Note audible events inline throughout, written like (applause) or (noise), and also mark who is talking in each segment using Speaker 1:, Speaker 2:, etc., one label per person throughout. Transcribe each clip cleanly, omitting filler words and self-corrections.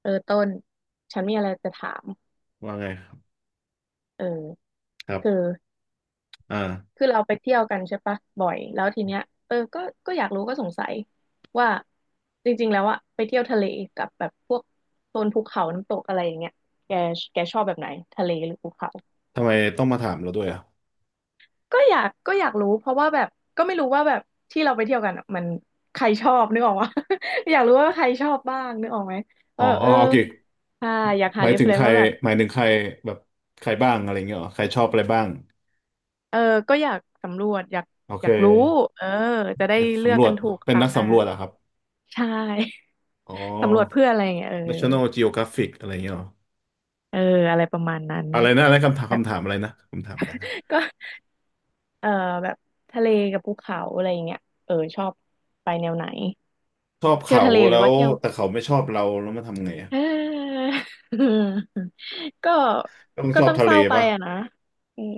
Speaker 1: เออต้นฉันมีอะไรจะถาม
Speaker 2: ว่าไง
Speaker 1: เออ
Speaker 2: ครั
Speaker 1: คือ
Speaker 2: บอ่า
Speaker 1: คือเราไปเที่ยวกันใช่ปะบ่อยแล้วทีเนี้ยเออก็อยากรู้ก็สงสัยว่าจริงๆแล้วอะไปเที่ยวทะเลกับแบบพวกโซนภูเขาน้ำตกอะไรอย่างเงี้ยแกแกชอบแบบไหนทะเลหรือภูเขา
Speaker 2: ทำไมต้องมาถามเราด้วยอ่ะ
Speaker 1: ก็อยากรู้เพราะว่าแบบก็ไม่รู้ว่าแบบที่เราไปเที่ยวกันอะมันใครชอบนึกออกวะ (laughs) อยากรู้ว่าใครชอบบ้างนึกออกไหมเอ
Speaker 2: อ๋อ
Speaker 1: อ
Speaker 2: อ๋
Speaker 1: เอ
Speaker 2: อ
Speaker 1: อ
Speaker 2: โอเค
Speaker 1: ใช่อยาก
Speaker 2: ห
Speaker 1: หา
Speaker 2: มาย
Speaker 1: เรฟ
Speaker 2: ถึ
Speaker 1: เฟ
Speaker 2: งใค
Speaker 1: น
Speaker 2: ร
Speaker 1: ว่าแบบ
Speaker 2: หมายถึงใครแบบใครบ้างอะไรเงี้ยเหรอใครชอบอะไรบ้าง
Speaker 1: เออก็อยากสำรวจอยาก
Speaker 2: โอ
Speaker 1: อ
Speaker 2: เค
Speaker 1: ยากรู้เออจะได้
Speaker 2: อย
Speaker 1: เลือ
Speaker 2: สำ
Speaker 1: ก
Speaker 2: รว
Speaker 1: กั
Speaker 2: จ
Speaker 1: นถูกค
Speaker 2: เป็น
Speaker 1: รา
Speaker 2: นั
Speaker 1: ว
Speaker 2: ก
Speaker 1: หน้า
Speaker 2: สำรวจเหรอะครับ
Speaker 1: ใช่
Speaker 2: อ๋อ
Speaker 1: (laughs) สำรวจเพื่ออะไรอย่างเงี้ยเออ
Speaker 2: National Geographic อะไรเงี้ยเหรอ
Speaker 1: เอออะไรประมาณนั้น
Speaker 2: อะไรนะอะไรคำถาม
Speaker 1: แบบ
Speaker 2: คำถามอะไรนะคำถามอะไรนะ
Speaker 1: ก็เออแบบทะเลกับภูเขาอะไรอย่างเงี้ยเออชอบไปแนวไหน
Speaker 2: ชอบ
Speaker 1: เที่ยว
Speaker 2: เขา
Speaker 1: ทะเลห
Speaker 2: แล้
Speaker 1: รือ
Speaker 2: ว
Speaker 1: ว่าเที่ยว
Speaker 2: แต่เขาไม่ชอบเราแล้วมาทำไงอะ
Speaker 1: เออ (laughs) ก็
Speaker 2: ต้อง
Speaker 1: ก็
Speaker 2: ชอบ
Speaker 1: ต้อง
Speaker 2: ทะ
Speaker 1: เศ
Speaker 2: เล
Speaker 1: ร้าไป
Speaker 2: ป่ะ
Speaker 1: อะนะอืม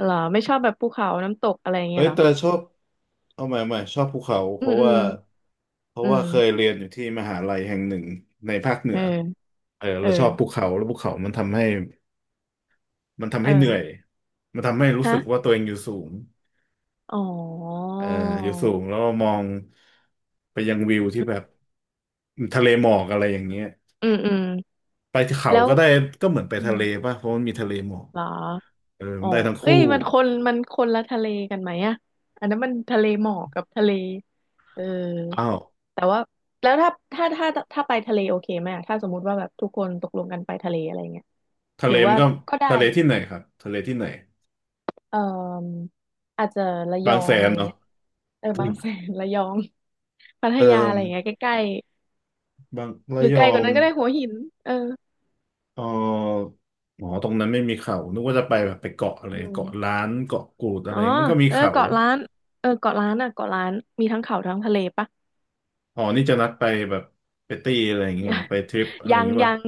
Speaker 1: เหรอไม่ชอบแบบภูเขาน้ำตกอะไรอย่าง
Speaker 2: เอ้
Speaker 1: เงี้ย
Speaker 2: ย
Speaker 1: เหรอ
Speaker 2: แต่ชอบเอาใหม่ชอบภูเขา เพ
Speaker 1: อืม
Speaker 2: ราะ
Speaker 1: อื
Speaker 2: ว่า
Speaker 1: มอื
Speaker 2: เคย
Speaker 1: ม
Speaker 2: เรียนอยู่ที่มหาลัยแห่งหนึ่งในภาคเหนื
Speaker 1: เอ
Speaker 2: อ
Speaker 1: อ
Speaker 2: เออ
Speaker 1: เอ
Speaker 2: เราชอบภู
Speaker 1: อ
Speaker 2: เขาแล้วภูเขามันทำให้มันทำ
Speaker 1: เอ
Speaker 2: ให้เหนื่อย
Speaker 1: อ
Speaker 2: มันทำให้รู้สึกว่า
Speaker 1: ฮะ
Speaker 2: ตัวเองอยู่สูง
Speaker 1: อ๋อ
Speaker 2: เอออยู่สูงแล้วมองไปยังวิวที่แบบทะเลหมอกอะไรอย่างเงี้ย
Speaker 1: อืมอืม
Speaker 2: ไปเขา
Speaker 1: แล้ว
Speaker 2: ก็ได้ก็เหมือนไป
Speaker 1: อื
Speaker 2: ทะ
Speaker 1: ม
Speaker 2: เลป่ะเพราะมันมีทะเลหมอก
Speaker 1: เหรอ
Speaker 2: เออ
Speaker 1: อ๋อ
Speaker 2: มันได้ทั้ง
Speaker 1: เอ้
Speaker 2: คู่
Speaker 1: ยมันคนละทะเลกันไหมอะอันนั้นมันทะเลหมอกกับทะเลเออ
Speaker 2: อ้าว
Speaker 1: แต่ว่าแล้วถ้าไปทะเลโอเคไหมอะถ้าสมมุติว่าแบบทุกคนตกลงกันไปทะเลอะไรเงี้ย
Speaker 2: ทะ
Speaker 1: หรื
Speaker 2: เล
Speaker 1: อ
Speaker 2: มั
Speaker 1: ว่า
Speaker 2: นก็
Speaker 1: ก็ได้
Speaker 2: ทะเล
Speaker 1: อยู่
Speaker 2: ที่ไหนครับทะเลที่ไหน
Speaker 1: เอ่ออาจจะระย
Speaker 2: บา
Speaker 1: อ
Speaker 2: งแส
Speaker 1: งอะ
Speaker 2: น
Speaker 1: ไร
Speaker 2: เนาะ
Speaker 1: เงี้ยเออบางแสนระยองพัท
Speaker 2: เอ
Speaker 1: ยาอะ
Speaker 2: อ
Speaker 1: ไรเงี้ยใกล้
Speaker 2: บาง
Speaker 1: ๆห
Speaker 2: ระ
Speaker 1: รือ
Speaker 2: ย
Speaker 1: ไกล
Speaker 2: อ
Speaker 1: กว่า
Speaker 2: ง
Speaker 1: นั้นก็ได้หัวหินเออ
Speaker 2: เออหมอตรงนั้นไม่มีเขา นึกว่าจะไปแบบไปเกาะอะไร
Speaker 1: อืม
Speaker 2: เกาะล้านเกาะกูด
Speaker 1: อ๋
Speaker 2: อะ
Speaker 1: อ
Speaker 2: ไรมันก็มี
Speaker 1: เออ
Speaker 2: เขา
Speaker 1: เกาะล้านเออเกาะล้านอ่ะเกาะล้านมีทั้งเขาทั้งทะเลปะ
Speaker 2: อ๋อนี่จะนัดไปแบบไปตีอะไรอย่างเงี้ยเหรอ
Speaker 1: (laughs) ย
Speaker 2: ไปทริปอะไรอ
Speaker 1: ั
Speaker 2: ย่าง
Speaker 1: ง
Speaker 2: เงี้ย
Speaker 1: ยั
Speaker 2: ป่ะ
Speaker 1: ง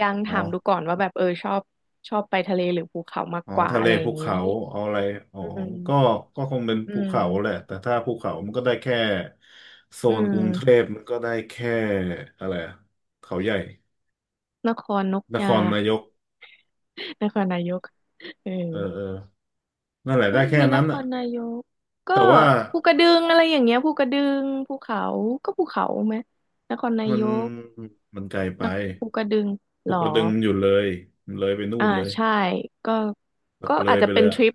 Speaker 1: ยัง
Speaker 2: อ๋อ
Speaker 1: ถามดูก่อนว่าแบบเออชอบชอบไปทะเลหรือภูเขามาก
Speaker 2: อ๋อ
Speaker 1: กว่า
Speaker 2: ทะเล
Speaker 1: อะไรอ
Speaker 2: ภู
Speaker 1: ย่างนี้
Speaker 2: เขาเอาอะไรอ๋อ
Speaker 1: อืม
Speaker 2: ก็ก็คงเป็น
Speaker 1: อื
Speaker 2: ภูเขาแหละ
Speaker 1: ม
Speaker 2: แต่ถ้าภูเขามันก็ได้แค่โซ
Speaker 1: อื
Speaker 2: นกรุงเท
Speaker 1: ม
Speaker 2: พมันก็ได้แค่อะไรอะเขาใหญ่
Speaker 1: นครนก
Speaker 2: นค
Speaker 1: ยา
Speaker 2: รนายก
Speaker 1: (laughs) นครนายกเออ
Speaker 2: เออเออนั่นแหละ
Speaker 1: ก็
Speaker 2: ได้แค่
Speaker 1: มีน
Speaker 2: นั้น
Speaker 1: ค
Speaker 2: อะ
Speaker 1: รนายกก็
Speaker 2: แต่ว่า
Speaker 1: ภูกระดึงอะไรอย่างเงี้ยภูกระดึงภูเขาก็ภูเขาไหมนครนา
Speaker 2: มั
Speaker 1: ย
Speaker 2: น
Speaker 1: ก
Speaker 2: มันไกลไป
Speaker 1: นคภูกระดึง
Speaker 2: ป
Speaker 1: ห
Speaker 2: ลุ
Speaker 1: ร
Speaker 2: ก
Speaker 1: อ
Speaker 2: กระดึงมันอยู่เลยมันเลยไปนู่
Speaker 1: อ่า
Speaker 2: นเลย
Speaker 1: ใช่ก็
Speaker 2: แบบ
Speaker 1: ก็
Speaker 2: เล
Speaker 1: อา
Speaker 2: ย
Speaker 1: จจะ
Speaker 2: ไปเล
Speaker 1: เป็น
Speaker 2: ย
Speaker 1: ท
Speaker 2: อ่ะ
Speaker 1: ริป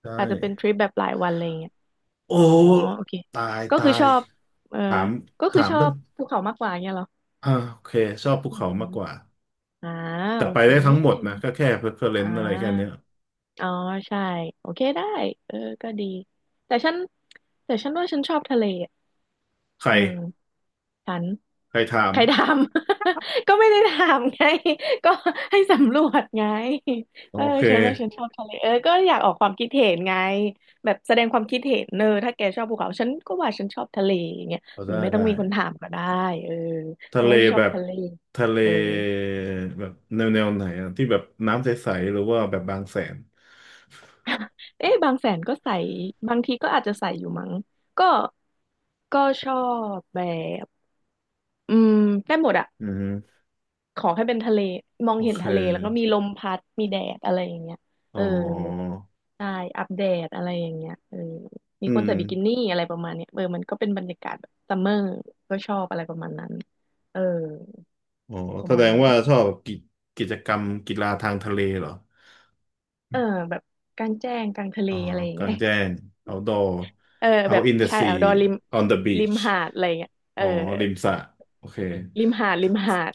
Speaker 2: ใช่
Speaker 1: อาจจะเป็นทริปแบบหลายวันอะไรเงี้ย
Speaker 2: โอ้
Speaker 1: อ๋อโอเค
Speaker 2: ตาย
Speaker 1: ก็
Speaker 2: ตา
Speaker 1: คือช
Speaker 2: ย
Speaker 1: อบเออ
Speaker 2: ถาม
Speaker 1: ก็คือ
Speaker 2: ถาม
Speaker 1: ชอ
Speaker 2: เพื่อน
Speaker 1: บภูเขามากกว่าเงี้ยเหรอ
Speaker 2: อ่าโอเค ชอบภู
Speaker 1: อื
Speaker 2: เขา
Speaker 1: ม
Speaker 2: มากกว่า
Speaker 1: อ่า
Speaker 2: แต่
Speaker 1: โอ
Speaker 2: ไป
Speaker 1: เค
Speaker 2: ได้ทั้งหมดนะก็แค่เพอร์เฟอเร
Speaker 1: อ่
Speaker 2: นซ์อะไรแค่เนี้ย
Speaker 1: าอ๋อใช่โอเคได้เออก็ดีแต่ฉันแต่ฉันว่าฉันชอบทะเล
Speaker 2: ใคร
Speaker 1: อืมฉัน
Speaker 2: ใครถาม
Speaker 1: ใครทำ (laughs) ก็ไม่ได้ทำไง (laughs) ก็ให้สำรวจไง
Speaker 2: โอ
Speaker 1: เออ
Speaker 2: เค
Speaker 1: ฉันว่าฉันชอบทะเลเออก็อยากออกความคิดเห็นไงแบบแสดงความคิดเห็นเนออถ้าแกชอบภูเขาฉันก็ว่าฉันชอบทะเลอย่างเงี้ย
Speaker 2: เอา
Speaker 1: มัน
Speaker 2: ได้
Speaker 1: ไม่ต้อง
Speaker 2: ได้
Speaker 1: มีคนถามก็ได้เออ
Speaker 2: ทะ
Speaker 1: แต่
Speaker 2: เล
Speaker 1: ว่าฉันชอ
Speaker 2: แบ
Speaker 1: บ
Speaker 2: บ
Speaker 1: ทะเล
Speaker 2: ทะเล
Speaker 1: เออ
Speaker 2: แบบแนวไหนอ่ะที่แบบน้ำใสๆหรือว่าแบบบางแสน
Speaker 1: เอ๊ะบางแสนก็ใส่บางทีก็อาจจะใส่อยู่มั้งก็ก็ชอบแบบอืมได้หมดอะ
Speaker 2: อืม
Speaker 1: ขอให้เป็นทะเลมอง
Speaker 2: โอ
Speaker 1: เห็น
Speaker 2: เค
Speaker 1: ทะเลแล้วก็มีลมพัดมีแดดอะไรอย่างเงี้ย
Speaker 2: อ๋อ
Speaker 1: เออใช่อัปเดตอะไรอย่างเงี้ยเออมี
Speaker 2: อื
Speaker 1: คน
Speaker 2: ม
Speaker 1: ใส่บิกินี่อะไรประมาณเนี้ยเออมันก็เป็นบรรยากาศแบบซัมเมอร์ก็ชอบอะไรประมาณนั้นเออ
Speaker 2: อ๋อ
Speaker 1: ป
Speaker 2: แส
Speaker 1: ระ
Speaker 2: ด
Speaker 1: มาณ
Speaker 2: ง
Speaker 1: นั้น
Speaker 2: ว่าชอบกิจกรรมกีฬาทางทะเลเหรอ
Speaker 1: เออแบบกลางแจ้งกลางทะเล
Speaker 2: อ๋อ
Speaker 1: อะไรอย่าง
Speaker 2: กลา
Speaker 1: เงี้
Speaker 2: ง
Speaker 1: ย
Speaker 2: แจ้ง outdoor
Speaker 1: (laughs) เออแบ
Speaker 2: out
Speaker 1: บ
Speaker 2: in the
Speaker 1: ชาย o
Speaker 2: sea
Speaker 1: u t d o ริม
Speaker 2: on the
Speaker 1: ริม
Speaker 2: beach
Speaker 1: หาดอะไรอย่างเงี้ยเอ
Speaker 2: อ๋
Speaker 1: อ
Speaker 2: อริมสระโอเค
Speaker 1: ริมหาดริมหาด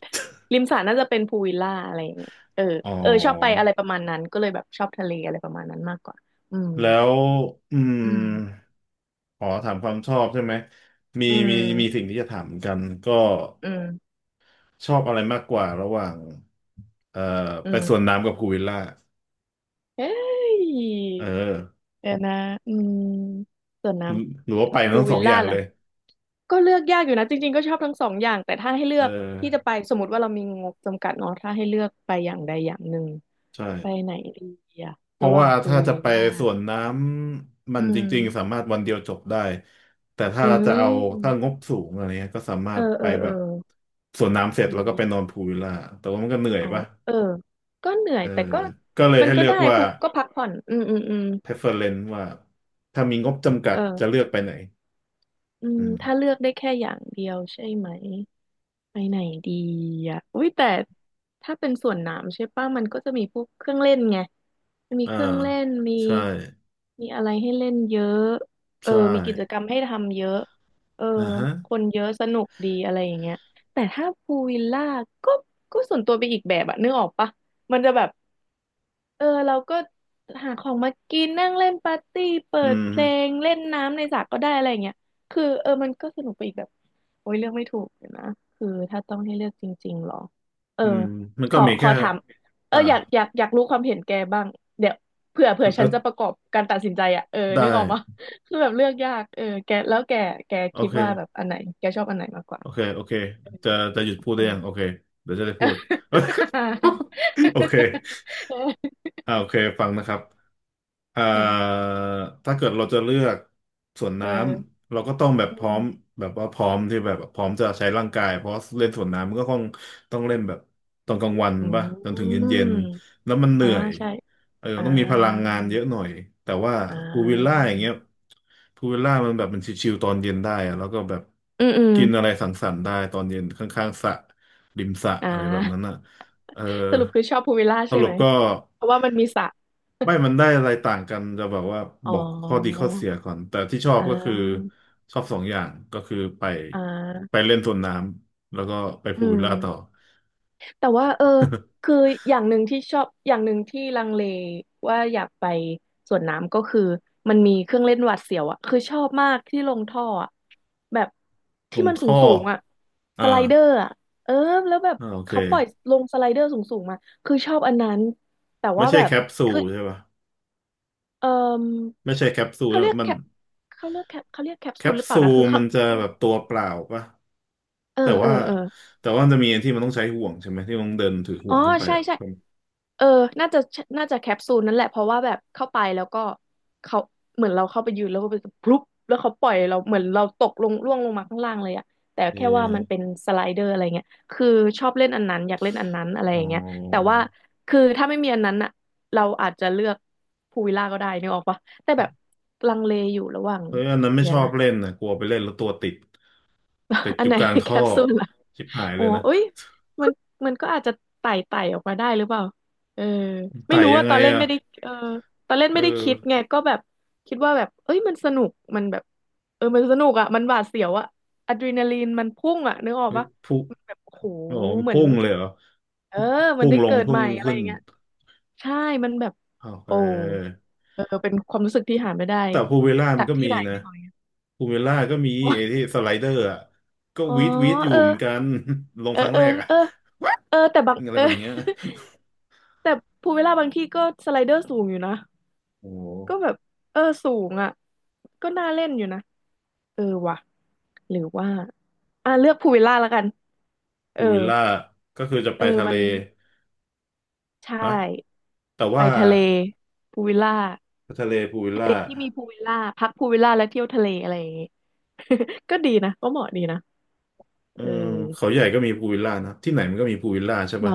Speaker 1: ริมสระน่าจะเป็นพูลวิลล่าอะไรอย่างเงี้ยเออ
Speaker 2: อ๋อ
Speaker 1: เออชอบไปอะไรประมาณนั้นก็เลยแบบชอบทะเลอะไรประมาณนั้นมากกว่าอืม
Speaker 2: แล้วอืม
Speaker 1: อืม
Speaker 2: ขอถามความชอบใช่ไหม มี
Speaker 1: อืม
Speaker 2: มีมีสิ่งที่จะถามเหมือนกันก็
Speaker 1: อืม
Speaker 2: ชอบอะไรมากกว่าระหว่างเอ่อ
Speaker 1: อื
Speaker 2: ไปสวน
Speaker 1: ม
Speaker 2: น้ำกับพูลวิลล่า
Speaker 1: เฮ้ย
Speaker 2: เออ
Speaker 1: เดี๋ยวนะอืมส่วน
Speaker 2: ห
Speaker 1: น้
Speaker 2: รือว่าไป
Speaker 1: ำพู
Speaker 2: ทั้
Speaker 1: ล
Speaker 2: งส
Speaker 1: วิ
Speaker 2: อง
Speaker 1: ล
Speaker 2: อ
Speaker 1: ล่า
Speaker 2: ย่างเล
Speaker 1: ล่ะ
Speaker 2: ย
Speaker 1: ก็เลือกยากอยู่นะจริงๆก็ชอบทั้งสองอย่างแต่ถ้าให้เลื
Speaker 2: เอ
Speaker 1: อ
Speaker 2: อ
Speaker 1: กที่จะไปสมมติว่าเรามีงบจำกัดเนาะถ้าให้เลือกไปอย่างใดอย่างหนึ่ง
Speaker 2: ใช่
Speaker 1: ไปไหนดีอะ
Speaker 2: เพ
Speaker 1: ระ
Speaker 2: ราะ
Speaker 1: หว่าง
Speaker 2: ว่า
Speaker 1: พูล
Speaker 2: ถ้า
Speaker 1: วิ
Speaker 2: จะ
Speaker 1: ล
Speaker 2: ไป
Speaker 1: ล่า
Speaker 2: สวนน้ำมั
Speaker 1: อื
Speaker 2: นจ
Speaker 1: ม
Speaker 2: ริงๆสามารถวันเดียวจบได้แต่ถ้า
Speaker 1: อื
Speaker 2: จะเอาถ้าง
Speaker 1: ม
Speaker 2: บสูงอะไรเงี้ยก็สามา
Speaker 1: เอ
Speaker 2: ร
Speaker 1: อ
Speaker 2: ถไป
Speaker 1: เออ
Speaker 2: แบ
Speaker 1: เออ
Speaker 2: บสวนน้ำเสร็จ
Speaker 1: อื
Speaker 2: แล้วก็ไป
Speaker 1: ม
Speaker 2: นอนพูลวิลล่าแต่ว่ามันก็เหนื่อย
Speaker 1: อ๋อ
Speaker 2: ปะ
Speaker 1: เออ ก็เหนื่อ
Speaker 2: เอ
Speaker 1: ย
Speaker 2: อ
Speaker 1: แต่ก็
Speaker 2: ก็เลย
Speaker 1: มัน
Speaker 2: ให้
Speaker 1: ก็
Speaker 2: เลือ
Speaker 1: ได้
Speaker 2: กว่า
Speaker 1: พูก็พักผ่อนอืมอืมอืม
Speaker 2: preference ว่าถ้ามีงบจำกัดจะ
Speaker 1: เออ
Speaker 2: เลือกไปไหน
Speaker 1: อื
Speaker 2: อื
Speaker 1: ม
Speaker 2: ม
Speaker 1: ถ้าเลือกได้แค่อย่างเดียวใช่ไหมไปไหนดีอ่ะอุ้ยแต่ถ้าเป็นสวนน้ำใช่ป่ะมันก็จะมีพวกเครื่องเล่นไงมันมี
Speaker 2: อ่า
Speaker 1: เครื่องเล่นมี
Speaker 2: ใช่
Speaker 1: มีอะไรให้เล่นเยอะเออ
Speaker 2: ใช่
Speaker 1: มีกิจกรรมให้ทำเยอะเออ
Speaker 2: อ่าฮะ
Speaker 1: คนเยอะสนุกดีอะไรอย่างเงี้ยแต่ถ้าพูลวิลล่าก็ก็ส่วนตัวไปอีกแบบอะนึกออกปะมันจะแบบ เออเราก็หาของมากินนั่งเล่นปาร์ตี้เปิ
Speaker 2: อื
Speaker 1: ดเพ
Speaker 2: ม
Speaker 1: ลงเล่นน้ำในสระก็ได้อะไรอย่างเงี้ยคือเออมันก็สนุกไปอีกแบบโอ้ยเลือกไม่ถูกเลยนะคือถ้าต้องให้เลือกจริงๆหรอเออ
Speaker 2: อืมมัน
Speaker 1: ข
Speaker 2: ก็
Speaker 1: อ
Speaker 2: มี
Speaker 1: ขอ
Speaker 2: แค่
Speaker 1: ถามเออ
Speaker 2: อ่า
Speaker 1: อยากรู้ความเห็นแกบ้างเดี๋ยวเผื่อฉั
Speaker 2: แล้ว
Speaker 1: นจะประกอบการตัดสินใจอ่ะเออ
Speaker 2: ได้
Speaker 1: นึกออกปะ (laughs) คือแบบเลือกยากเออแกแล้วแก
Speaker 2: โอ
Speaker 1: คิด
Speaker 2: เค
Speaker 1: ว่าแบบอันไหนแกชอบอันไหนมากกว่า
Speaker 2: โอเค โอเค จะจะหยุดพูด
Speaker 1: เอ
Speaker 2: ได้ยั
Speaker 1: อ
Speaker 2: งโอเค เดี๋ยวจะได้พูด (laughs) โอเค
Speaker 1: (laughs)
Speaker 2: อ่าโอเคฟังนะครับ เอ่อ
Speaker 1: ค่ะ
Speaker 2: ถ้าเกิดเราจะเลือกสวน
Speaker 1: เ
Speaker 2: น้
Speaker 1: ออ
Speaker 2: ำเราก็ต้องแบบ
Speaker 1: อื
Speaker 2: พร้อม
Speaker 1: ม
Speaker 2: แบบว่าพร้อมที่แบบพร้อมจะใช้ร่างกายเพราะเล่นสวนน้ำมันก็คงต้องเล่นแบบตอนกลางวัน
Speaker 1: อื
Speaker 2: ป่ะจนถึง
Speaker 1: ม
Speaker 2: เย็นๆแล้วมันเห
Speaker 1: อ่า
Speaker 2: นื่อย
Speaker 1: ใช่
Speaker 2: เออ
Speaker 1: อ่
Speaker 2: ต้องมีพลัง
Speaker 1: า
Speaker 2: งานเยอะหน่อยแต่ว่า
Speaker 1: อ่
Speaker 2: พูลวิลล่า
Speaker 1: า
Speaker 2: อย่างเงี้ยพูลวิลล่ามันแบบมันชิลๆตอนเย็นได้อะแล้วก็แบบ
Speaker 1: อืมอืม
Speaker 2: กินอะไรสังสรรค์ได้ตอนเย็นข้างๆสระริมสระ
Speaker 1: อ่
Speaker 2: อะไรแบบนั้น
Speaker 1: า
Speaker 2: อ่ะ เออ
Speaker 1: สรุปคือชอบพูลวิลล่า
Speaker 2: ส
Speaker 1: ใช่
Speaker 2: รุ
Speaker 1: ไห
Speaker 2: ป
Speaker 1: ม
Speaker 2: ก็
Speaker 1: เพราะว่ามันมีสระ
Speaker 2: ไม่มันได้อะไรต่างกันจะแบบว่า
Speaker 1: อ๋
Speaker 2: บ
Speaker 1: อ
Speaker 2: อกข้อดีข้อเสียก่อนแต่ที่ชอบ
Speaker 1: อ่
Speaker 2: ก็คือ
Speaker 1: า
Speaker 2: ชอบสองอย่างก็คือไป
Speaker 1: อ่
Speaker 2: ไป
Speaker 1: า
Speaker 2: เล่นสวนน้ำแล้วก็ไป
Speaker 1: อื
Speaker 2: พูลวิลล่าต่อ
Speaker 1: ม แต่ว่าคืออย่างหนึ่งที่ชอบอย่างหนึ่งที่ลังเลว่าอยากไปสวนน้ำก็คือมันมีเครื่องเล่นหวาดเสียวอ่ะคือชอบมากที่ลงท่ออะแบบ
Speaker 2: ต
Speaker 1: ที่
Speaker 2: รง
Speaker 1: มันสู
Speaker 2: ท่
Speaker 1: ง
Speaker 2: อ
Speaker 1: สูงอ่ะ
Speaker 2: อ่า
Speaker 1: สไลเดอร์อ่ะเออแล้วแบบ
Speaker 2: อ่าโอเค
Speaker 1: เขาปล่อยลงสไลเดอร์สูงสูงมาคือชอบอันนั้นแต่
Speaker 2: ไม่
Speaker 1: ว่า
Speaker 2: ใช่
Speaker 1: แบ
Speaker 2: แค
Speaker 1: บ
Speaker 2: ปซู
Speaker 1: คือ
Speaker 2: ลใช่ปะ
Speaker 1: เออ
Speaker 2: ไม่ใช่แคปซูล
Speaker 1: เขา
Speaker 2: ใช่
Speaker 1: เรีย
Speaker 2: ปะ
Speaker 1: ก
Speaker 2: มั
Speaker 1: แค
Speaker 2: น
Speaker 1: ปเขาเรียกแคปเขาเรียกแคป
Speaker 2: แค
Speaker 1: ซูล
Speaker 2: ป
Speaker 1: หรือเปล่า
Speaker 2: ซู
Speaker 1: นะ
Speaker 2: ล
Speaker 1: คือเขา
Speaker 2: มันจะ
Speaker 1: อื
Speaker 2: แบ
Speaker 1: ม
Speaker 2: บตัวเปล่าปะ
Speaker 1: เออ
Speaker 2: แต่
Speaker 1: เออ
Speaker 2: ว่า
Speaker 1: เออ
Speaker 2: แต่ว่ามันจะมีอันที่มันต้องใช้ห่วงใช่ไหมที่มันต้องเดินถือห่
Speaker 1: อ๋อ
Speaker 2: วงขึ้นไป
Speaker 1: ใช่
Speaker 2: อ่ะ
Speaker 1: ใช่เออน่าจะน่าจะแคปซูลนั่นแหละเพราะว่าแบบเข้าไปแล้วก็เขาเหมือนเราเข้าไปยืนแล้วก็ไปพลุบแล้วเขาปล่อยเราเหมือนเราตกลงร่วงลงมาข้างล่างเลยอะแต่
Speaker 2: เออ
Speaker 1: แค่ว่ามันเป็นสไลเดอร์อะไรเงี้ยคือชอบเล่นอันนั้นอยากเล่นอันนั้นอะไร
Speaker 2: อ๋
Speaker 1: อย่างเงี้ยแต่
Speaker 2: อ
Speaker 1: ว่าคือถ้าไม่มีอันนั้นอะเราอาจจะเลือกพูลวิลล่าก็ได้นึกออกปะแต่แบบลังเลอยู่ระหว่าง
Speaker 2: เฮ้ยอันนั้นไม่
Speaker 1: เดี๋
Speaker 2: ช
Speaker 1: ยว
Speaker 2: อบ
Speaker 1: นะ
Speaker 2: เล่นนะกลัวไปเล่นแล้วตัวติดติด
Speaker 1: (laughs) อั
Speaker 2: อ
Speaker 1: น
Speaker 2: ยู่
Speaker 1: ไหน
Speaker 2: กลาง
Speaker 1: (laughs) แค
Speaker 2: ท่อ
Speaker 1: ปซูลล่ะ
Speaker 2: ชิบหายเล
Speaker 1: โอ้
Speaker 2: ยนะ
Speaker 1: เอ้ยมันมันก็อาจจะไต่ออกมาได้หรือเปล่าเออไม่
Speaker 2: ไต่
Speaker 1: รู้
Speaker 2: ยัง
Speaker 1: ว่าต
Speaker 2: ไง
Speaker 1: อนเล่น
Speaker 2: อะ
Speaker 1: ไม่ได้เออตอนเล่น
Speaker 2: เออ
Speaker 1: ไม่ได้คิดไงก็แบบคิดว่าแบบเอ้ยมันสนุกมันแบบเออมันสนุกอ่ะมันหวาดเสียวอ่ะอะดรีนาลีนมันพุ่งอ่ะนึกออก
Speaker 2: เฮ้ย
Speaker 1: ปะ
Speaker 2: พุ่ง
Speaker 1: มันแบบโอ้โห
Speaker 2: อ๋อมัน
Speaker 1: เหมือน
Speaker 2: พุ่งเลยเหรอ
Speaker 1: เออมัน
Speaker 2: พุ่ง
Speaker 1: ได้
Speaker 2: ลง
Speaker 1: เกิด
Speaker 2: พุ่
Speaker 1: ให
Speaker 2: ง
Speaker 1: ม่อะไร
Speaker 2: ขึ้
Speaker 1: อ
Speaker 2: น
Speaker 1: ย่างเงี้ยใช่มันแบบ
Speaker 2: โอเ
Speaker 1: โอ้
Speaker 2: ค
Speaker 1: เออเป็นความรู้สึกที่หาไม่ได้
Speaker 2: แต่พูลวิลล่ามั
Speaker 1: จา
Speaker 2: น
Speaker 1: ก
Speaker 2: ก็
Speaker 1: ที่
Speaker 2: มี
Speaker 1: ไหน
Speaker 2: นะ
Speaker 1: เนึกออก
Speaker 2: พูลวิลล่าก็มีไอ้ที่สไลเดอร์อ่ะก็
Speaker 1: อ๋อ
Speaker 2: วีดวีดอยู่
Speaker 1: เออ
Speaker 2: เหมือนกัน (laughs) ลง
Speaker 1: เออ
Speaker 2: ครั้ง
Speaker 1: เอ
Speaker 2: แร
Speaker 1: อ
Speaker 2: กอะ
Speaker 1: เออ
Speaker 2: What?
Speaker 1: เออแต่บาง
Speaker 2: อะ
Speaker 1: (laughs)
Speaker 2: ไร
Speaker 1: เออ
Speaker 2: แบบเนี้ย
Speaker 1: (laughs) แต่ภูวิลล่าบางที่ก็สไลเดอร์สูงอยู่นะ
Speaker 2: โอ้โห
Speaker 1: ก็แบบเออสูงอ่ะก็น่าเล่นอยู่นะเออว่ะหรือว่าอ่ะเลือกภูวิลล่าแล้วกันเอ
Speaker 2: พู
Speaker 1: อ
Speaker 2: ลวิลล่าก็คือจะ
Speaker 1: เอ
Speaker 2: ไป
Speaker 1: อ
Speaker 2: ทะเล
Speaker 1: มันใช่
Speaker 2: นะแต่
Speaker 1: ไป
Speaker 2: ว่า
Speaker 1: ทะเลภูลวิลล่า
Speaker 2: ทะเลพูลวิล
Speaker 1: ทะเล
Speaker 2: ล่า
Speaker 1: ที่มีภูลวิลล่าพักภูลวิลล่าแล้วเที่ยวทะเลอะไรอย่างงี้ (laughs) ก็ดีนะก็เหมาะดีนะ
Speaker 2: เอ
Speaker 1: เอ
Speaker 2: อ
Speaker 1: อ
Speaker 2: เขาใหญ่ก็มีพูลวิลล่านะที่ไหนมันก็มีพูลวิลล่าใช่
Speaker 1: เหรอ
Speaker 2: ปะ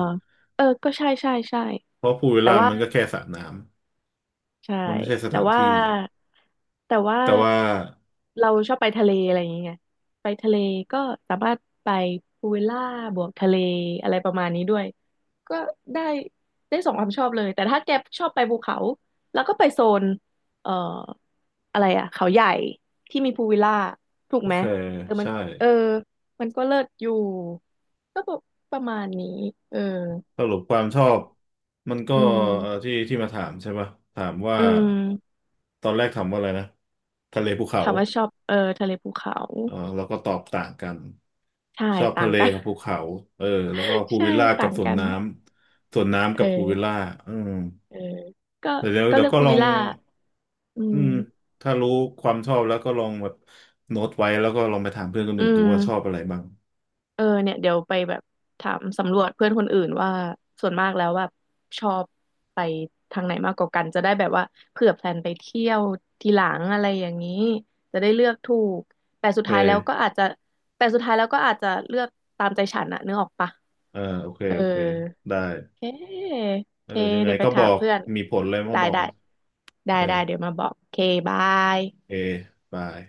Speaker 1: เออก็ใช่ใช่ใช่
Speaker 2: เพราะพูลวิล
Speaker 1: แต่
Speaker 2: ล่า
Speaker 1: ว่า
Speaker 2: มันก็แค่สระน้
Speaker 1: ใช่
Speaker 2: ำมันไม่ใช่ส
Speaker 1: แต่
Speaker 2: ถาน
Speaker 1: ว่า
Speaker 2: ที่
Speaker 1: แต่ว่า
Speaker 2: แต่ว่า
Speaker 1: เราชอบไปทะเลอะไรอย่างเงี้ยไปทะเลก็สามารถไปพูลวิลล่าบวกทะเลอะไรประมาณนี้ด้วยก็ได้ได้สองความชอบเลยแต่ถ้าแกชอบไปภูเขาแล้วก็ไปโซนเอ่ออะไรอะเขาใหญ่ที่มีพูลวิลล่าถูก
Speaker 2: โอ
Speaker 1: ไหม
Speaker 2: เค
Speaker 1: เออมัน
Speaker 2: ใช่
Speaker 1: เออมันก็เลิศอยู่ก็ประมาณนี้เออ
Speaker 2: สรุปความชอบมันก็
Speaker 1: อืม
Speaker 2: ที่ที่มาถามใช่ปะถามว่า
Speaker 1: อืม
Speaker 2: ตอนแรกถามว่าอะไรนะทะเลภูเขา
Speaker 1: ถามว่าชอบเออทะเลภูเขา
Speaker 2: เออแล้วก็ตอบต่างกัน
Speaker 1: ใช่
Speaker 2: ชอบ
Speaker 1: ต่า
Speaker 2: ทะ
Speaker 1: ง
Speaker 2: เล
Speaker 1: กัน
Speaker 2: กับภูเขาเออแล้วก็พู
Speaker 1: (laughs)
Speaker 2: ล
Speaker 1: ใช่
Speaker 2: วิลล่ากั
Speaker 1: ต่า
Speaker 2: บ
Speaker 1: ง
Speaker 2: สวน
Speaker 1: กัน
Speaker 2: น้ำสวนน้ำ
Speaker 1: เ
Speaker 2: กับพูลวิล
Speaker 1: ออ
Speaker 2: ล่าอืม
Speaker 1: เออก็
Speaker 2: เดี๋ยวเดี๋ยว
Speaker 1: ก็
Speaker 2: เดี๋ย
Speaker 1: เลื
Speaker 2: ว
Speaker 1: อก
Speaker 2: ก็
Speaker 1: พู
Speaker 2: ลอ
Speaker 1: วิล
Speaker 2: ง
Speaker 1: ล่าอื
Speaker 2: อืม
Speaker 1: ม
Speaker 2: ถ้ารู้ความชอบแล้วก็ลองแบบโน้ตไว้แล้วก็ลองไปถามเพื่อนคน
Speaker 1: อื
Speaker 2: อื่นดูว่าชอบ
Speaker 1: ม
Speaker 2: อะไรบ้าง
Speaker 1: เออเนี่ยเดี๋ยวไปแบบถามสำรวจเพื่อนคนอื่นว่าส่วนมากแล้วแบบชอบไปทางไหนมากกว่ากันจะได้แบบว่าเผื่อแพลนไปเที่ยวทีหลังอะไรอย่างนี้จะได้เลือกถูกแต่
Speaker 2: โอ
Speaker 1: สุด
Speaker 2: เ
Speaker 1: ท้ายแล้วก็
Speaker 2: ค
Speaker 1: อาจจะแต่สุดท้ายแล้วก็อาจจะเลือกตามใจฉันอะนึกออกปะ
Speaker 2: เออโอเค
Speaker 1: เออ
Speaker 2: โอเค ได้
Speaker 1: เค
Speaker 2: เอ
Speaker 1: เค
Speaker 2: อยังไง
Speaker 1: เดี๋ยวไป
Speaker 2: ก็บ
Speaker 1: ถา
Speaker 2: อ
Speaker 1: ม
Speaker 2: ก
Speaker 1: เพื่อน
Speaker 2: มีผลเลยมา
Speaker 1: ได้
Speaker 2: บอก
Speaker 1: ได้ ได้
Speaker 2: เออ
Speaker 1: ได้เดี๋ยวมาบอกเค บาย
Speaker 2: เอบาย